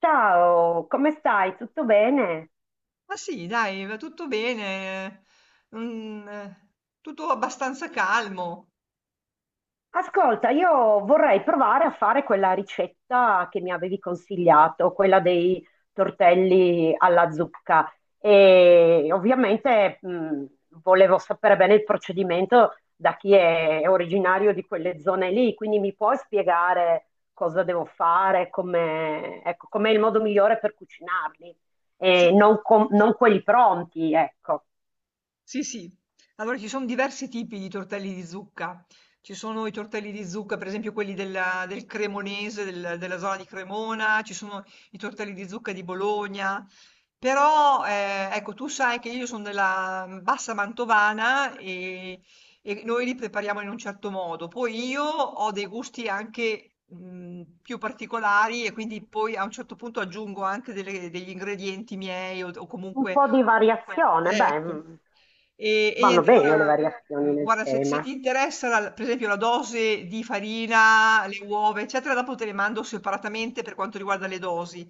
Ciao, come stai? Tutto bene? Ma sì, dai, va tutto bene, mhmm, tutto abbastanza calmo. Ascolta, io vorrei provare a fare quella ricetta che mi avevi consigliato, quella dei tortelli alla zucca. E ovviamente volevo sapere bene il procedimento da chi è originario di quelle zone lì, quindi mi puoi spiegare cosa devo fare, come, ecco, com'è il modo migliore per cucinarli e Sì. non, non quelli pronti, ecco. Sì, sì. Allora ci sono diversi tipi di tortelli di zucca. Ci sono i tortelli di zucca, per esempio del Cremonese, della zona di Cremona, ci sono i tortelli di zucca di Bologna. Però, ecco, tu sai che io sono della bassa mantovana e noi li prepariamo in un certo modo. Poi io ho dei gusti anche più particolari e quindi poi a un certo punto aggiungo anche degli ingredienti miei o Un comunque... po' di variazione, beh, Ecco. E vanno niente, bene le allora, variazioni nel guarda, se tema. ti interessa, per esempio, la dose di farina, le uova, eccetera, dopo te le mando separatamente per quanto riguarda le dosi.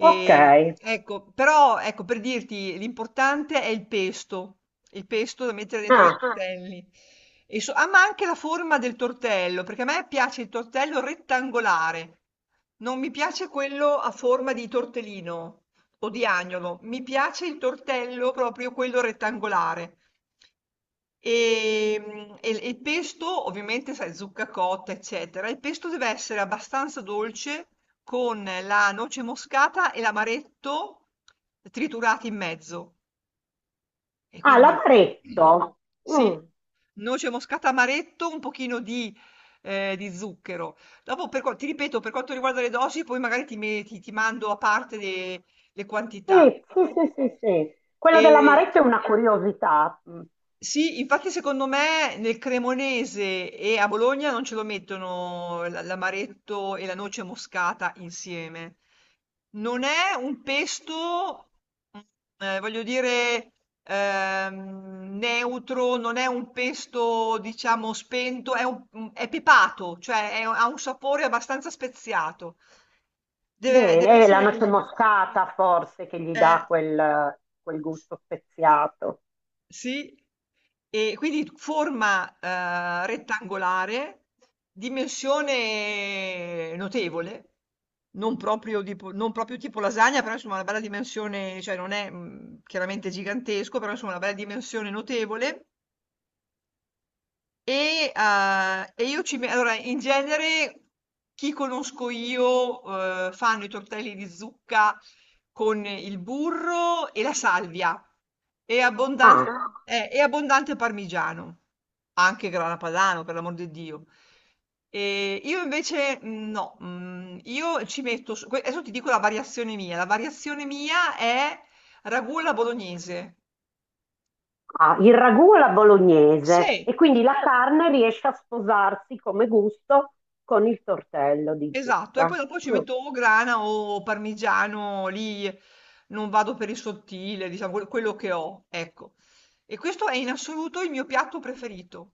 Ok. ecco, però, ecco, per dirti, l'importante è il pesto da mettere dentro nei Ah, tortelli. Ah, ma anche la forma del tortello, perché a me piace il tortello rettangolare, non mi piace quello a forma di tortellino o di agnolo. Mi piace il tortello, proprio quello rettangolare. E, mm, e il pesto, ovviamente, sai, zucca cotta, eccetera. Il pesto deve essere abbastanza dolce con la noce moscata e l'amaretto triturati in mezzo. E ah, quindi, mhm, l'amaretto. sì, Mm, noce moscata, amaretto, un pochino di zucchero. Dopo, ti ripeto, per quanto riguarda le dosi, poi magari ti mando a parte le quantità. sì, sì, sì, sì, sì. Quello Ehm, dell'amaretto è una curiosità. Mm, sì, infatti secondo me nel cremonese e a Bologna non ce lo mettono l'amaretto e la noce moscata insieme. Non è un pesto, mhmm, voglio dire, neutro, non è un pesto diciamo spento, è un mhmm, è pepato, cioè è ha un sapore abbastanza speziato. Deve bene, e la essere noce così. moscata forse che gli Eh. dà quel, quel gusto speziato. Sì, e quindi forma, rettangolare, dimensione notevole, non proprio tipo lasagna, però insomma una bella dimensione, cioè non è, mhmm, chiaramente gigantesco, però insomma una bella dimensione notevole. E io ci me allora in genere chi conosco io, fanno i tortelli di zucca con il burro e la salvia e abbondan Ah, e abbondante parmigiano, anche grana padano per l'amor di Dio. Io invece no, mhmm, io ci metto s que adesso ti dico la variazione mia. La variazione mia è ragù alla bolognese. ah, il ragù alla bolognese e Sì. quindi la carne riesce a sposarsi come gusto con il tortello di Esatto, e poi zucca. dopo ci Mm. metto o grana o parmigiano, lì non vado per il sottile, diciamo quello che ho, ecco. E questo è in assoluto il mio piatto preferito.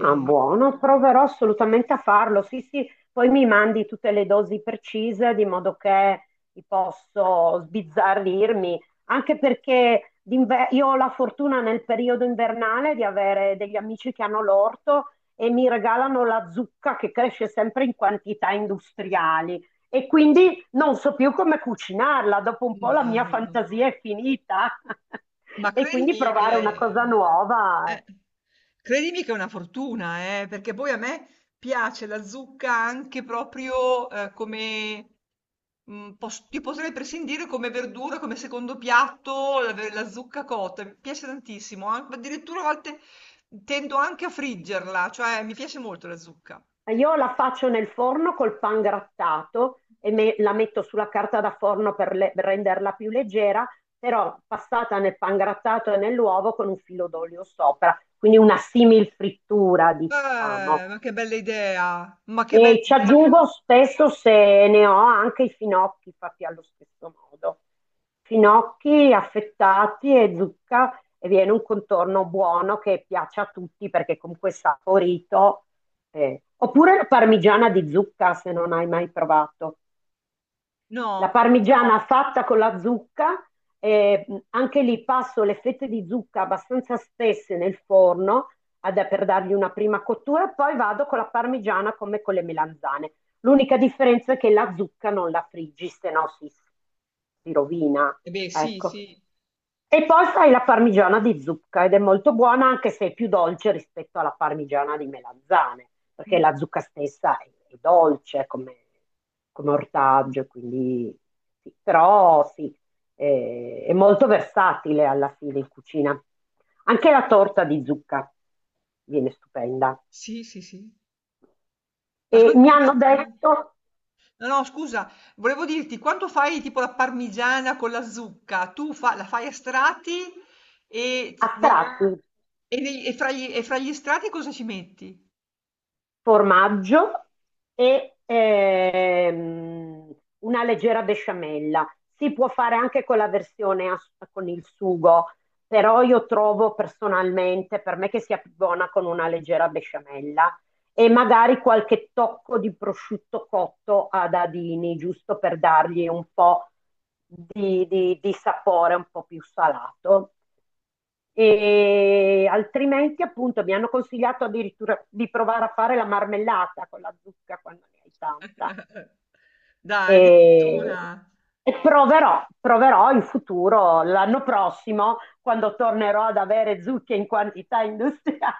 Ah, buono, proverò assolutamente a farlo. Sì, sì, poi mi mandi tutte le dosi precise di modo che li posso sbizzarrirmi, anche perché io ho la fortuna nel periodo invernale di avere degli amici che hanno l'orto e mi regalano la zucca che cresce sempre in quantità industriali e quindi non so più come cucinarla, dopo un po' la No, mia no, no. fantasia è finita Ma e quindi credimi, provare una cosa nuova. eh, credimi che è una fortuna, perché poi a me piace la zucca anche proprio, come mhmm, pos ti potrei prescindere come verdura, come secondo piatto, la zucca cotta, mi piace tantissimo, an addirittura a volte tendo anche a friggerla, cioè mi piace molto la zucca. Io la faccio nel forno col pan grattato e la metto sulla carta da forno per, per renderla più leggera, però passata nel pan grattato e nell'uovo con un filo d'olio sopra, quindi una simil frittura, diciamo. Ma che bella idea, ma che bella E ci idea. aggiungo spesso se ne ho anche i finocchi fatti allo stesso modo. Finocchi affettati e zucca e viene un contorno buono che piace a tutti perché comunque è saporito. Eh. Oppure la parmigiana di zucca se non hai mai provato. La No. parmigiana fatta con la zucca, anche lì passo le fette di zucca abbastanza spesse nel forno per dargli una prima cottura, e poi vado con la parmigiana come con le melanzane. L'unica differenza è che la zucca non la friggi, se no si, si rovina. Eh beh, sì, Ecco. sì. E poi fai la parmigiana di zucca ed è molto buona anche se è più dolce rispetto alla parmigiana di melanzane perché Mh. la zucca stessa è dolce come, come ortaggio, quindi sì. Però sì, è molto versatile alla fine in cucina. Anche la torta di zucca viene stupenda. Sì, sì, sì. E mi Ascoltami, ma hanno mhmm, detto no, no scusa, volevo dirti, quando fai tipo la parmigiana con la zucca, tu fa la fai a strati e z a nei tratti, e fra gli strati cosa ci metti? formaggio e una leggera besciamella. Si può fare anche con la versione con il sugo, però io trovo personalmente per me che sia più buona con una leggera besciamella e magari qualche tocco di prosciutto cotto a dadini, giusto per dargli un po' di, di sapore un po' più salato e altrimenti appunto mi hanno consigliato addirittura di provare a fare la marmellata con la zucca quando ne hai tanta Dai, e, addirittura. e proverò, proverò in futuro, l'anno prossimo, quando tornerò ad avere zucche in quantità industriale.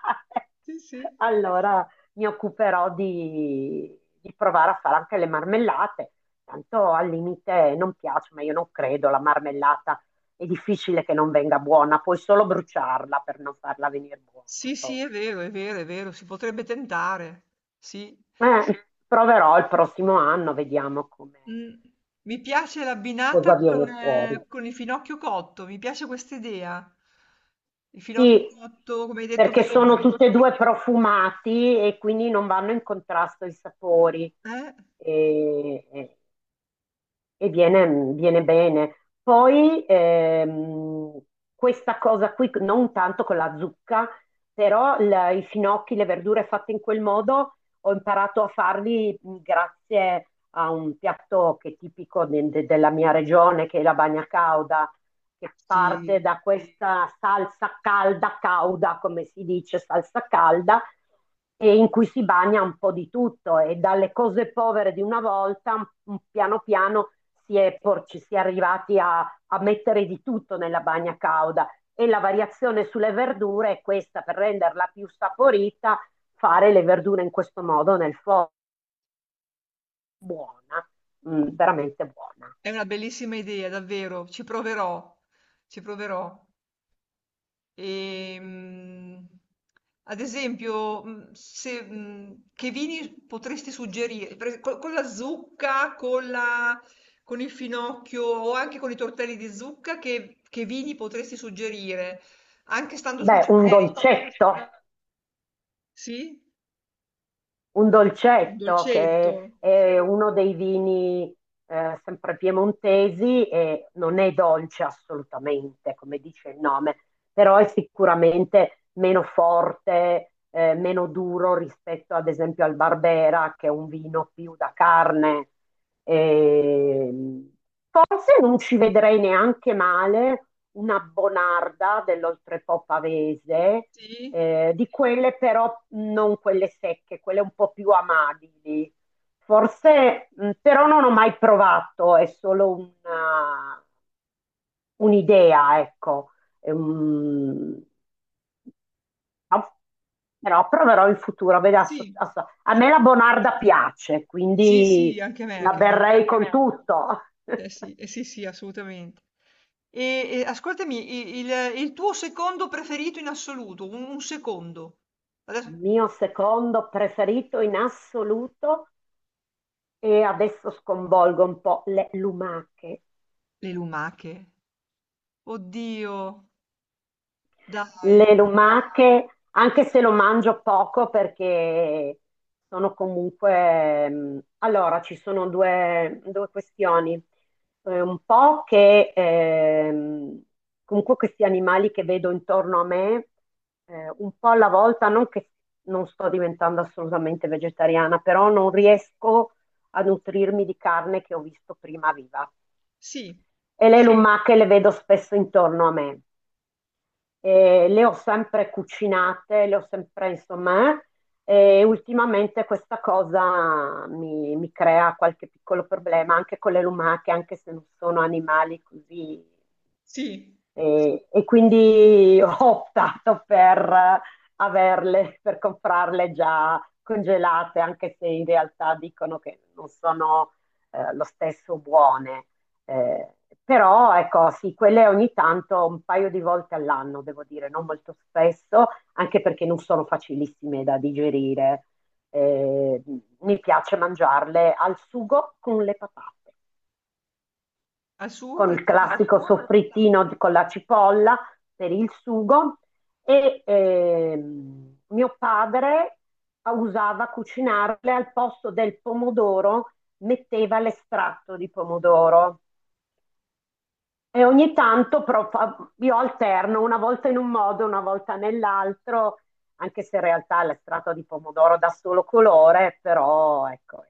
Sì, sì. Allora mi occuperò di provare a fare anche le marmellate. Tanto al limite non piace, ma io non credo, la marmellata è difficile che non venga buona, puoi solo bruciarla per non farla venire buona Sì, sì, poi. è vero, è vero, è vero, si potrebbe tentare. Sì. Proverò il prossimo anno, vediamo come, Mh, mi piace cosa l'abbinata viene fuori. Con il finocchio cotto, mi piace questa idea. Il finocchio Sì, cotto, come hai detto perché sono prima. tutti e tutti due profumati e quindi non vanno in contrasto i sapori Eh? e, e viene, viene bene. Poi questa cosa qui, non tanto con la zucca, però i finocchi, le verdure fatte in quel modo, ho imparato a farli grazie a un piatto che è tipico della mia regione, che è la bagna cauda che Sì. parte da questa salsa calda, cauda, come si dice, salsa calda, e in cui si bagna un po' di tutto e dalle cose povere di una volta, piano piano si è, ci si è arrivati a, a mettere di tutto nella bagna cauda e la variazione sulle verdure è questa, per renderla più saporita, fare le verdure in questo modo nel forno, buona, mm, veramente buona. È una bellissima idea, davvero, ci proverò, ci proverò. Ehm, ad esempio, se, che vini potresti suggerire? Con, la zucca, con il finocchio o anche con i tortelli di zucca, che vini potresti suggerire? Anche stando sul Beh, un generico. dolcetto. Sì? Un Un dolcetto dolcetto? che è uno dei vini sempre piemontesi e non è dolce assolutamente, come dice il nome, però è sicuramente meno forte, meno duro rispetto ad esempio al Barbera, che è un vino più da carne. Ehm, Forse non ci vedrei neanche male una bonarda dell'oltrepò pavese, Sì? Di quelle però non quelle secche, quelle un po' più amabili. Forse, però non ho mai provato, è solo una- un'idea, ecco. Ehm, ma- però proverò in futuro. Vedi, Sì, a me la bonarda piace, sì, sì, quindi anche a me, la anche a me. berrei con tutto. Sì, eh sì, sì, assolutamente. E ascoltami, il tuo secondo preferito in assoluto, un secondo. Il Adesso- mio secondo preferito in assoluto e adesso sconvolgo un po' le lumache. Le lumache. Oddio, dai. Le lumache, anche se lo mangio poco perché sono comunque... allora, ci sono due, due questioni. Un po' che comunque questi animali che vedo intorno a me, un po' alla volta, non che non sto diventando assolutamente vegetariana, però non riesco a nutrirmi di carne che ho visto prima viva. Sì, E le sì, lumache le vedo spesso intorno a me le ho sempre cucinate, le ho sempre, insomma, e ultimamente questa cosa mi, mi crea qualche piccolo problema anche con le lumache, anche se non sono animali così sì, e quindi ho optato per averle, per comprarle già congelate, anche se in realtà dicono che non sono lo stesso buone. Eh, però ecco, sì, quelle ogni tanto, un paio di volte all'anno, devo dire, non molto spesso, anche perché non sono facilissime da digerire. Eh, mi piace mangiarle al sugo con le patate al suo con con le il classico patate. soffrittino con la cipolla per il sugo e mio padre usava cucinarle al posto del pomodoro, metteva l'estratto di pomodoro e ogni tanto però io alterno una volta in un modo, una volta nell'altro, anche se in realtà l'estratto di pomodoro dà solo colore, però ecco,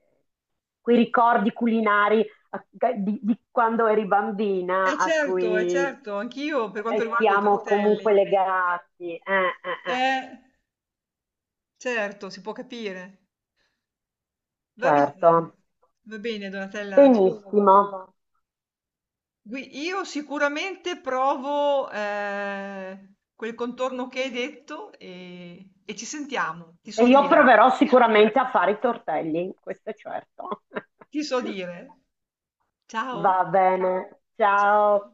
quei ricordi culinari a- di quando eri bambina a Certo, eh cui certo, anch'io per quanto riguarda i restiamo comunque tortelli. legati. Eh, certo, si può capire. Va bene, Certo, va bene, Donatella. benissimo. Gui- Io sicuramente provo quel contorno che hai detto e ci sentiamo, ti E so io dire, proverò sicuramente a fare i tortelli, questo è certo. ti so dire. Va Ciao, bene, ciao. ciao.